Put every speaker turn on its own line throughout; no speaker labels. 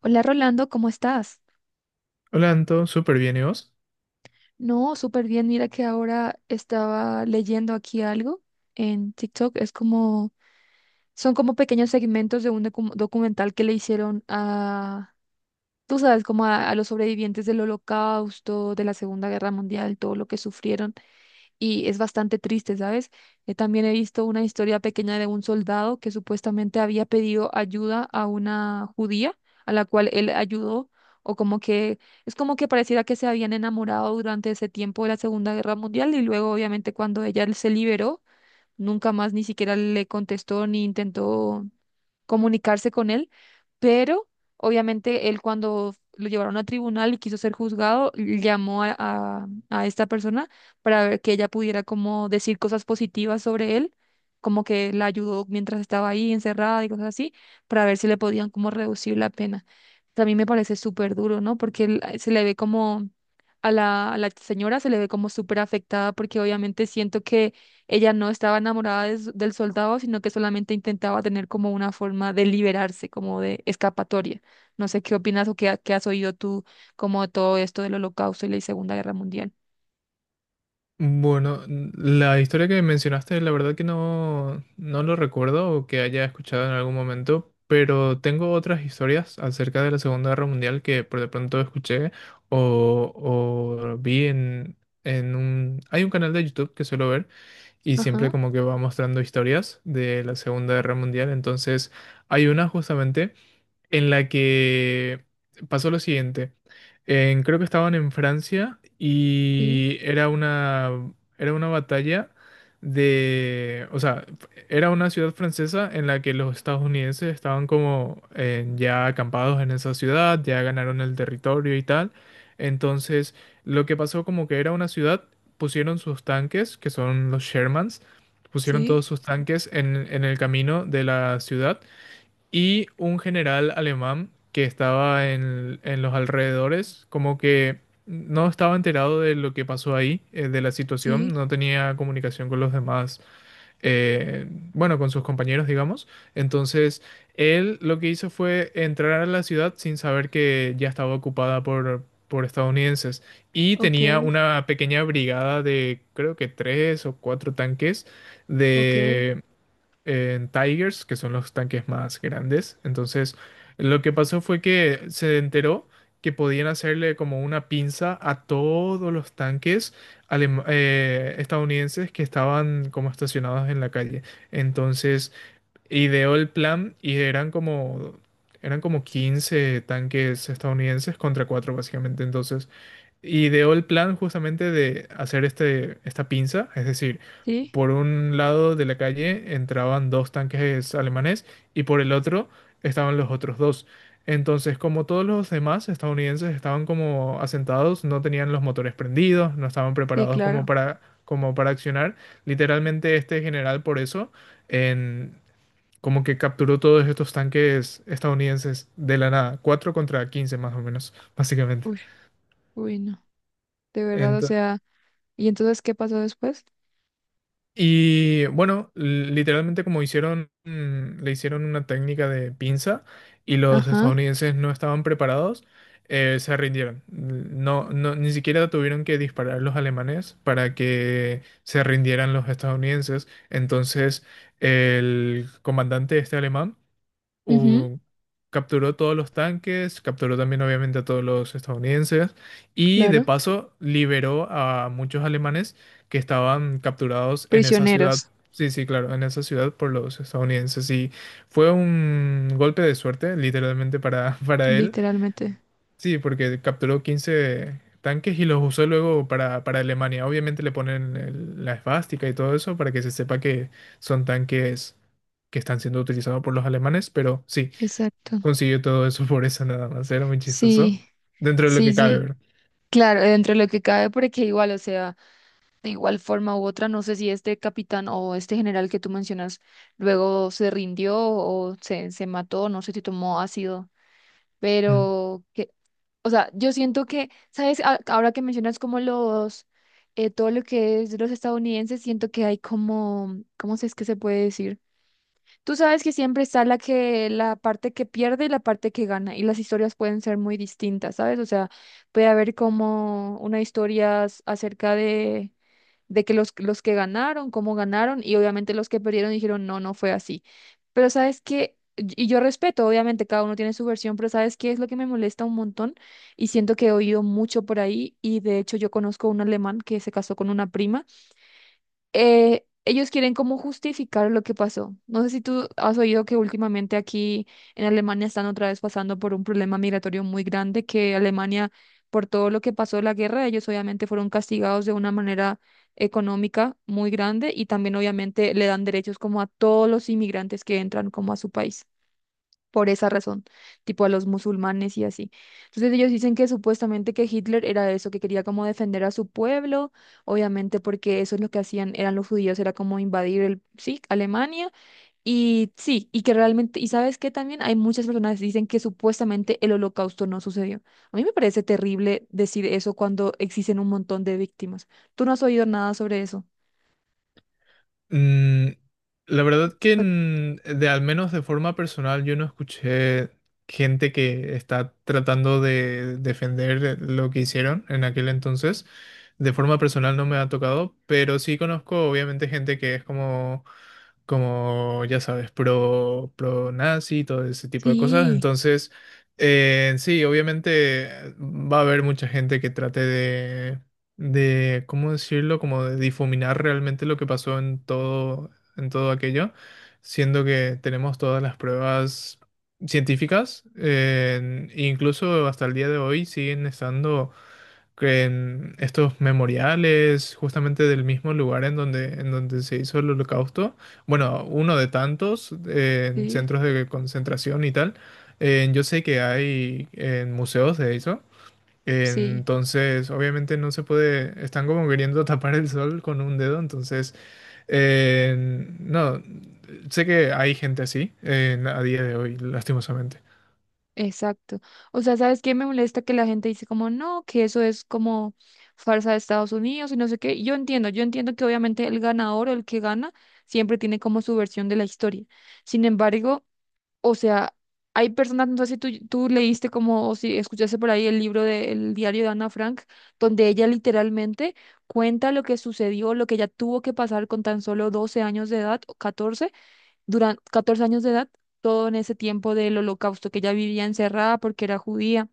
Hola Rolando, ¿cómo estás?
Hola Anto, súper bien, ¿y vos?
No, súper bien. Mira que ahora estaba leyendo aquí algo en TikTok. Es como, son como pequeños segmentos de un documental que le hicieron a, tú sabes, como a los sobrevivientes del Holocausto, de la Segunda Guerra Mundial, todo lo que sufrieron. Y es bastante triste, ¿sabes? También he visto una historia pequeña de un soldado que supuestamente había pedido ayuda a una judía a la cual él ayudó, o como que es como que pareciera que se habían enamorado durante ese tiempo de la Segunda Guerra Mundial y luego obviamente cuando ella se liberó, nunca más ni siquiera le contestó ni intentó comunicarse con él, pero obviamente él cuando lo llevaron a tribunal y quiso ser juzgado, llamó a esta persona para ver que ella pudiera como decir cosas positivas sobre él, como que la ayudó mientras estaba ahí encerrada y cosas así, para ver si le podían como reducir la pena. También me parece súper duro, ¿no? Porque él, se le ve como... A a la señora se le ve como súper afectada porque obviamente siento que ella no estaba enamorada de del soldado, sino que solamente intentaba tener como una forma de liberarse, como de escapatoria. No sé qué opinas o qué has oído tú como de todo esto del Holocausto y la Segunda Guerra Mundial.
Bueno, la historia que mencionaste, la verdad que no, no lo recuerdo o que haya escuchado en algún momento, pero tengo otras historias acerca de la Segunda Guerra Mundial que por de pronto escuché o vi en un... Hay un canal de YouTube que suelo ver y siempre
Ajá,
como que va mostrando historias de la Segunda Guerra Mundial, entonces hay una justamente en la que pasó lo siguiente. Creo que estaban en Francia
sí,
y era era una batalla de... O sea, era una ciudad francesa en la que los estadounidenses estaban como ya acampados en esa ciudad, ya ganaron el territorio y tal. Entonces, lo que pasó como que era una ciudad, pusieron sus tanques, que son los Shermans, pusieron
sí,
todos sus tanques en el camino de la ciudad, y un general alemán que estaba en los alrededores, como que no estaba enterado de lo que pasó ahí, de la situación,
sí,
no tenía comunicación con los demás, eh, bueno, con sus compañeros, digamos. Entonces, él lo que hizo fue entrar a la ciudad sin saber que ya estaba ocupada por estadounidenses, y
ok,
tenía una pequeña brigada de creo que tres o cuatro tanques
ok,
de en Tigers, que son los tanques más grandes. Entonces, lo que pasó fue que se enteró que podían hacerle como una pinza a todos los tanques estadounidenses que estaban como estacionados en la calle. Entonces, ideó el plan y eran como... Eran como 15 tanques estadounidenses contra 4 básicamente. Entonces, ideó el plan justamente de hacer esta pinza, es decir,
sí,
por un lado de la calle entraban dos tanques alemanes y por el otro estaban los otros dos. Entonces, como todos los demás estadounidenses estaban como asentados, no tenían los motores prendidos, no estaban
sí,
preparados como
claro.
para, como para accionar, literalmente este general por eso en- como que capturó todos estos tanques estadounidenses de la nada, 4 contra 15 más o menos, básicamente.
Uy, uy, no. De verdad, o sea, ¿y entonces qué pasó después?
Y bueno, literalmente como hicieron, le hicieron una técnica de pinza, y los
Ajá,
estadounidenses no estaban preparados, se rindieron. No, no, ni siquiera tuvieron que disparar los alemanes para que se rindieran los estadounidenses. Entonces, el comandante este alemán
ujú,
u- capturó todos los tanques, capturó también obviamente a todos los estadounidenses, y de
claro,
paso liberó a muchos alemanes que estaban capturados en esa ciudad.
prisioneros,
Sí, sí, claro, en esa ciudad por los estadounidenses. Y fue un golpe de suerte, literalmente, para, para él.
literalmente.
Sí, porque capturó 15 tanques y los usó luego para Alemania. Obviamente le ponen la esvástica y todo eso para que se sepa que son tanques que están siendo utilizados por los alemanes, pero sí,
Exacto.
consiguió todo eso por eso nada más. Era muy chistoso.
Sí,
Dentro de lo
sí,
que cabe,
sí.
¿verdad?
Claro, dentro de lo que cabe, porque igual, o sea, de igual forma u otra, no sé si este capitán o este general que tú mencionas luego se rindió o se mató, no sé si tomó ácido,
Mm.
pero que, o sea, yo siento que, ¿sabes? Ahora que mencionas como los, todo lo que es de los estadounidenses, siento que hay como, ¿cómo se es que se puede decir? Tú sabes que siempre está la parte que pierde y la parte que gana, y las historias pueden ser muy distintas, ¿sabes? O sea, puede haber como una acerca de que los que ganaron, cómo ganaron, y obviamente los que perdieron dijeron, no, no fue así. Pero sabes que, y yo respeto, obviamente cada uno tiene su versión, pero sabes qué es lo que me molesta un montón, y siento que he oído mucho por ahí, y de hecho yo conozco un alemán que se casó con una prima, ellos quieren como justificar lo que pasó. No sé si tú has oído que últimamente aquí en Alemania están otra vez pasando por un problema migratorio muy grande, que Alemania, por todo lo que pasó en la guerra, ellos obviamente fueron castigados de una manera económica muy grande y también obviamente le dan derechos como a todos los inmigrantes que entran como a su país por esa razón, tipo a los musulmanes y así. Entonces ellos dicen que supuestamente que Hitler era eso, que quería como defender a su pueblo, obviamente porque eso es lo que hacían, eran los judíos, era como invadir el, sí, Alemania, y sí, y que realmente, y sabes que también hay muchas personas que dicen que supuestamente el holocausto no sucedió. A mí me parece terrible decir eso cuando existen un montón de víctimas. ¿Tú no has oído nada sobre eso?
Mm, la verdad que
O-
de al menos de forma personal yo no escuché gente que está tratando de defender lo que hicieron en aquel entonces. De forma personal no me ha tocado, pero sí conozco obviamente gente que es como ya sabes, pro, pro nazi, todo ese tipo de cosas.
Sí,
Entonces, sí, obviamente va a haber mucha gente que trate de, ¿cómo decirlo? Como de difuminar realmente lo que pasó en todo aquello, siendo que tenemos todas las pruebas científicas, incluso hasta el día de hoy siguen estando que en estos memoriales justamente del mismo lugar en donde se hizo el holocausto, bueno, uno de tantos
sí,
centros de concentración y tal, yo sé que hay en museos de eso,
sí.
entonces obviamente no se puede, están como queriendo tapar el sol con un dedo, entonces, eh, no, sé que hay gente así a día de hoy, lastimosamente.
Exacto. O sea, ¿sabes qué me molesta? Que la gente dice como, no, que eso es como farsa de Estados Unidos y no sé qué. Yo entiendo que obviamente el ganador o el que gana siempre tiene como su versión de la historia. Sin embargo, o sea, hay personas, no sé si tú, tú leíste como, o si escuchaste por ahí el libro del diario de Ana Frank, donde ella literalmente cuenta lo que sucedió, lo que ella tuvo que pasar con tan solo 12 años de edad, o 14, durante 14 años de edad, todo en ese tiempo del holocausto, que ella vivía encerrada porque era judía,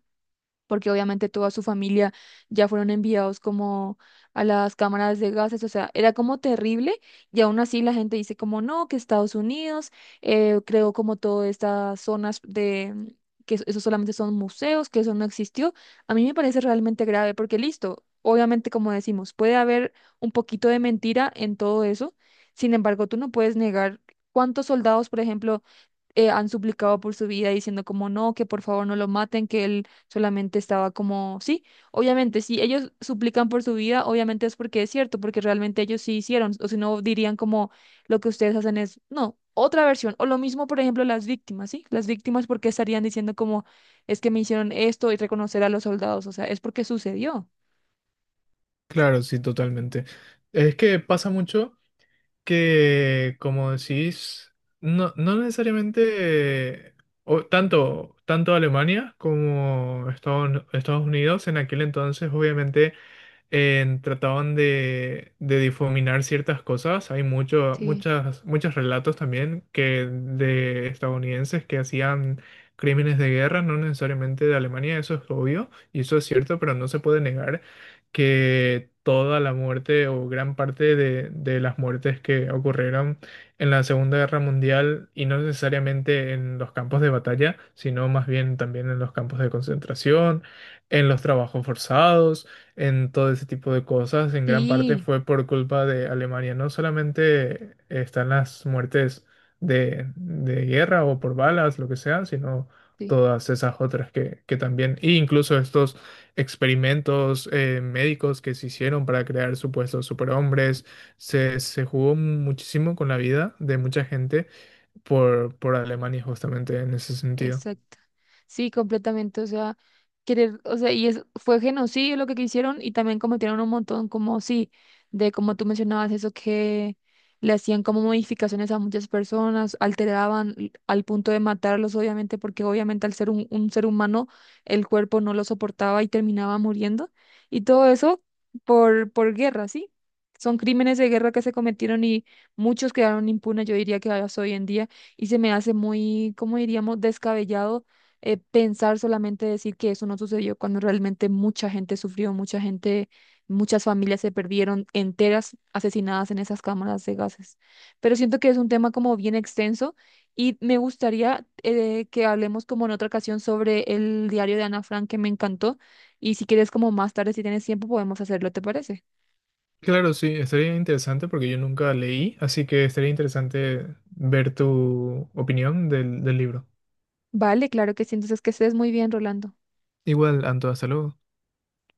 porque obviamente toda su familia ya fueron enviados como a las cámaras de gases, o sea, era como terrible y aún así la gente dice como no, que Estados Unidos creó como todas estas zonas de que eso solamente son museos, que eso no existió. A mí me parece realmente grave porque listo, obviamente como decimos, puede haber un poquito de mentira en todo eso, sin embargo, tú no puedes negar cuántos soldados, por ejemplo, han suplicado por su vida diciendo como no, que por favor no lo maten, que él solamente estaba como, sí, obviamente, si ellos suplican por su vida, obviamente es porque es cierto, porque realmente ellos sí hicieron, o si no dirían como lo que ustedes hacen es, no, otra versión, o lo mismo, por ejemplo, las víctimas, ¿sí? Las víctimas, porque estarían diciendo como es que me hicieron esto y reconocer a los soldados, o sea, es porque sucedió.
Claro, sí, totalmente. Es que pasa mucho, que, como decís, no, no necesariamente tanto, tanto Alemania como Estados Unidos en aquel entonces, obviamente trataban de difuminar ciertas cosas. Hay mucho,
Sí,
muchas, muchos relatos también que de estadounidenses que hacían crímenes de guerra, no necesariamente de Alemania, eso es obvio, y eso es cierto, pero no se puede negar que toda la muerte o gran parte de las muertes que ocurrieron en la Segunda Guerra Mundial, y no necesariamente en los campos de batalla, sino más bien también en los campos de concentración, en los trabajos forzados, en todo ese tipo de cosas, en gran parte
sí,
fue por culpa de Alemania. No solamente están las muertes de guerra o por balas, lo que sea, sino
sí.
todas esas otras que también, e incluso estos experimentos médicos que se hicieron para crear supuestos superhombres, se jugó muchísimo con la vida de mucha gente por Alemania justamente en ese sentido.
Exacto. Sí, completamente. O sea, querer, o sea, fue genocidio lo que hicieron y también cometieron un montón, como sí, de como tú mencionabas, eso que le hacían como modificaciones a muchas personas, alteraban al punto de matarlos, obviamente, porque obviamente al ser un ser humano, el cuerpo no lo soportaba y terminaba muriendo. Y todo eso por guerra, ¿sí? Son crímenes de guerra que se cometieron y muchos quedaron impunes, yo diría que hasta hoy en día, y se me hace muy, como diríamos?, descabellado, pensar, solamente decir que eso no sucedió cuando realmente mucha gente sufrió, mucha gente, muchas familias se perdieron enteras asesinadas en esas cámaras de gases. Pero siento que es un tema como bien extenso y me gustaría, que hablemos como en otra ocasión sobre el diario de Ana Frank que me encantó, y si quieres como más tarde, si tienes tiempo, podemos hacerlo, ¿te parece?
Claro, sí, estaría interesante porque yo nunca leí, así que estaría interesante ver tu opinión del, del libro.
Vale, claro que sí. Entonces que estés muy bien, Rolando.
Igual, Anto, hasta luego.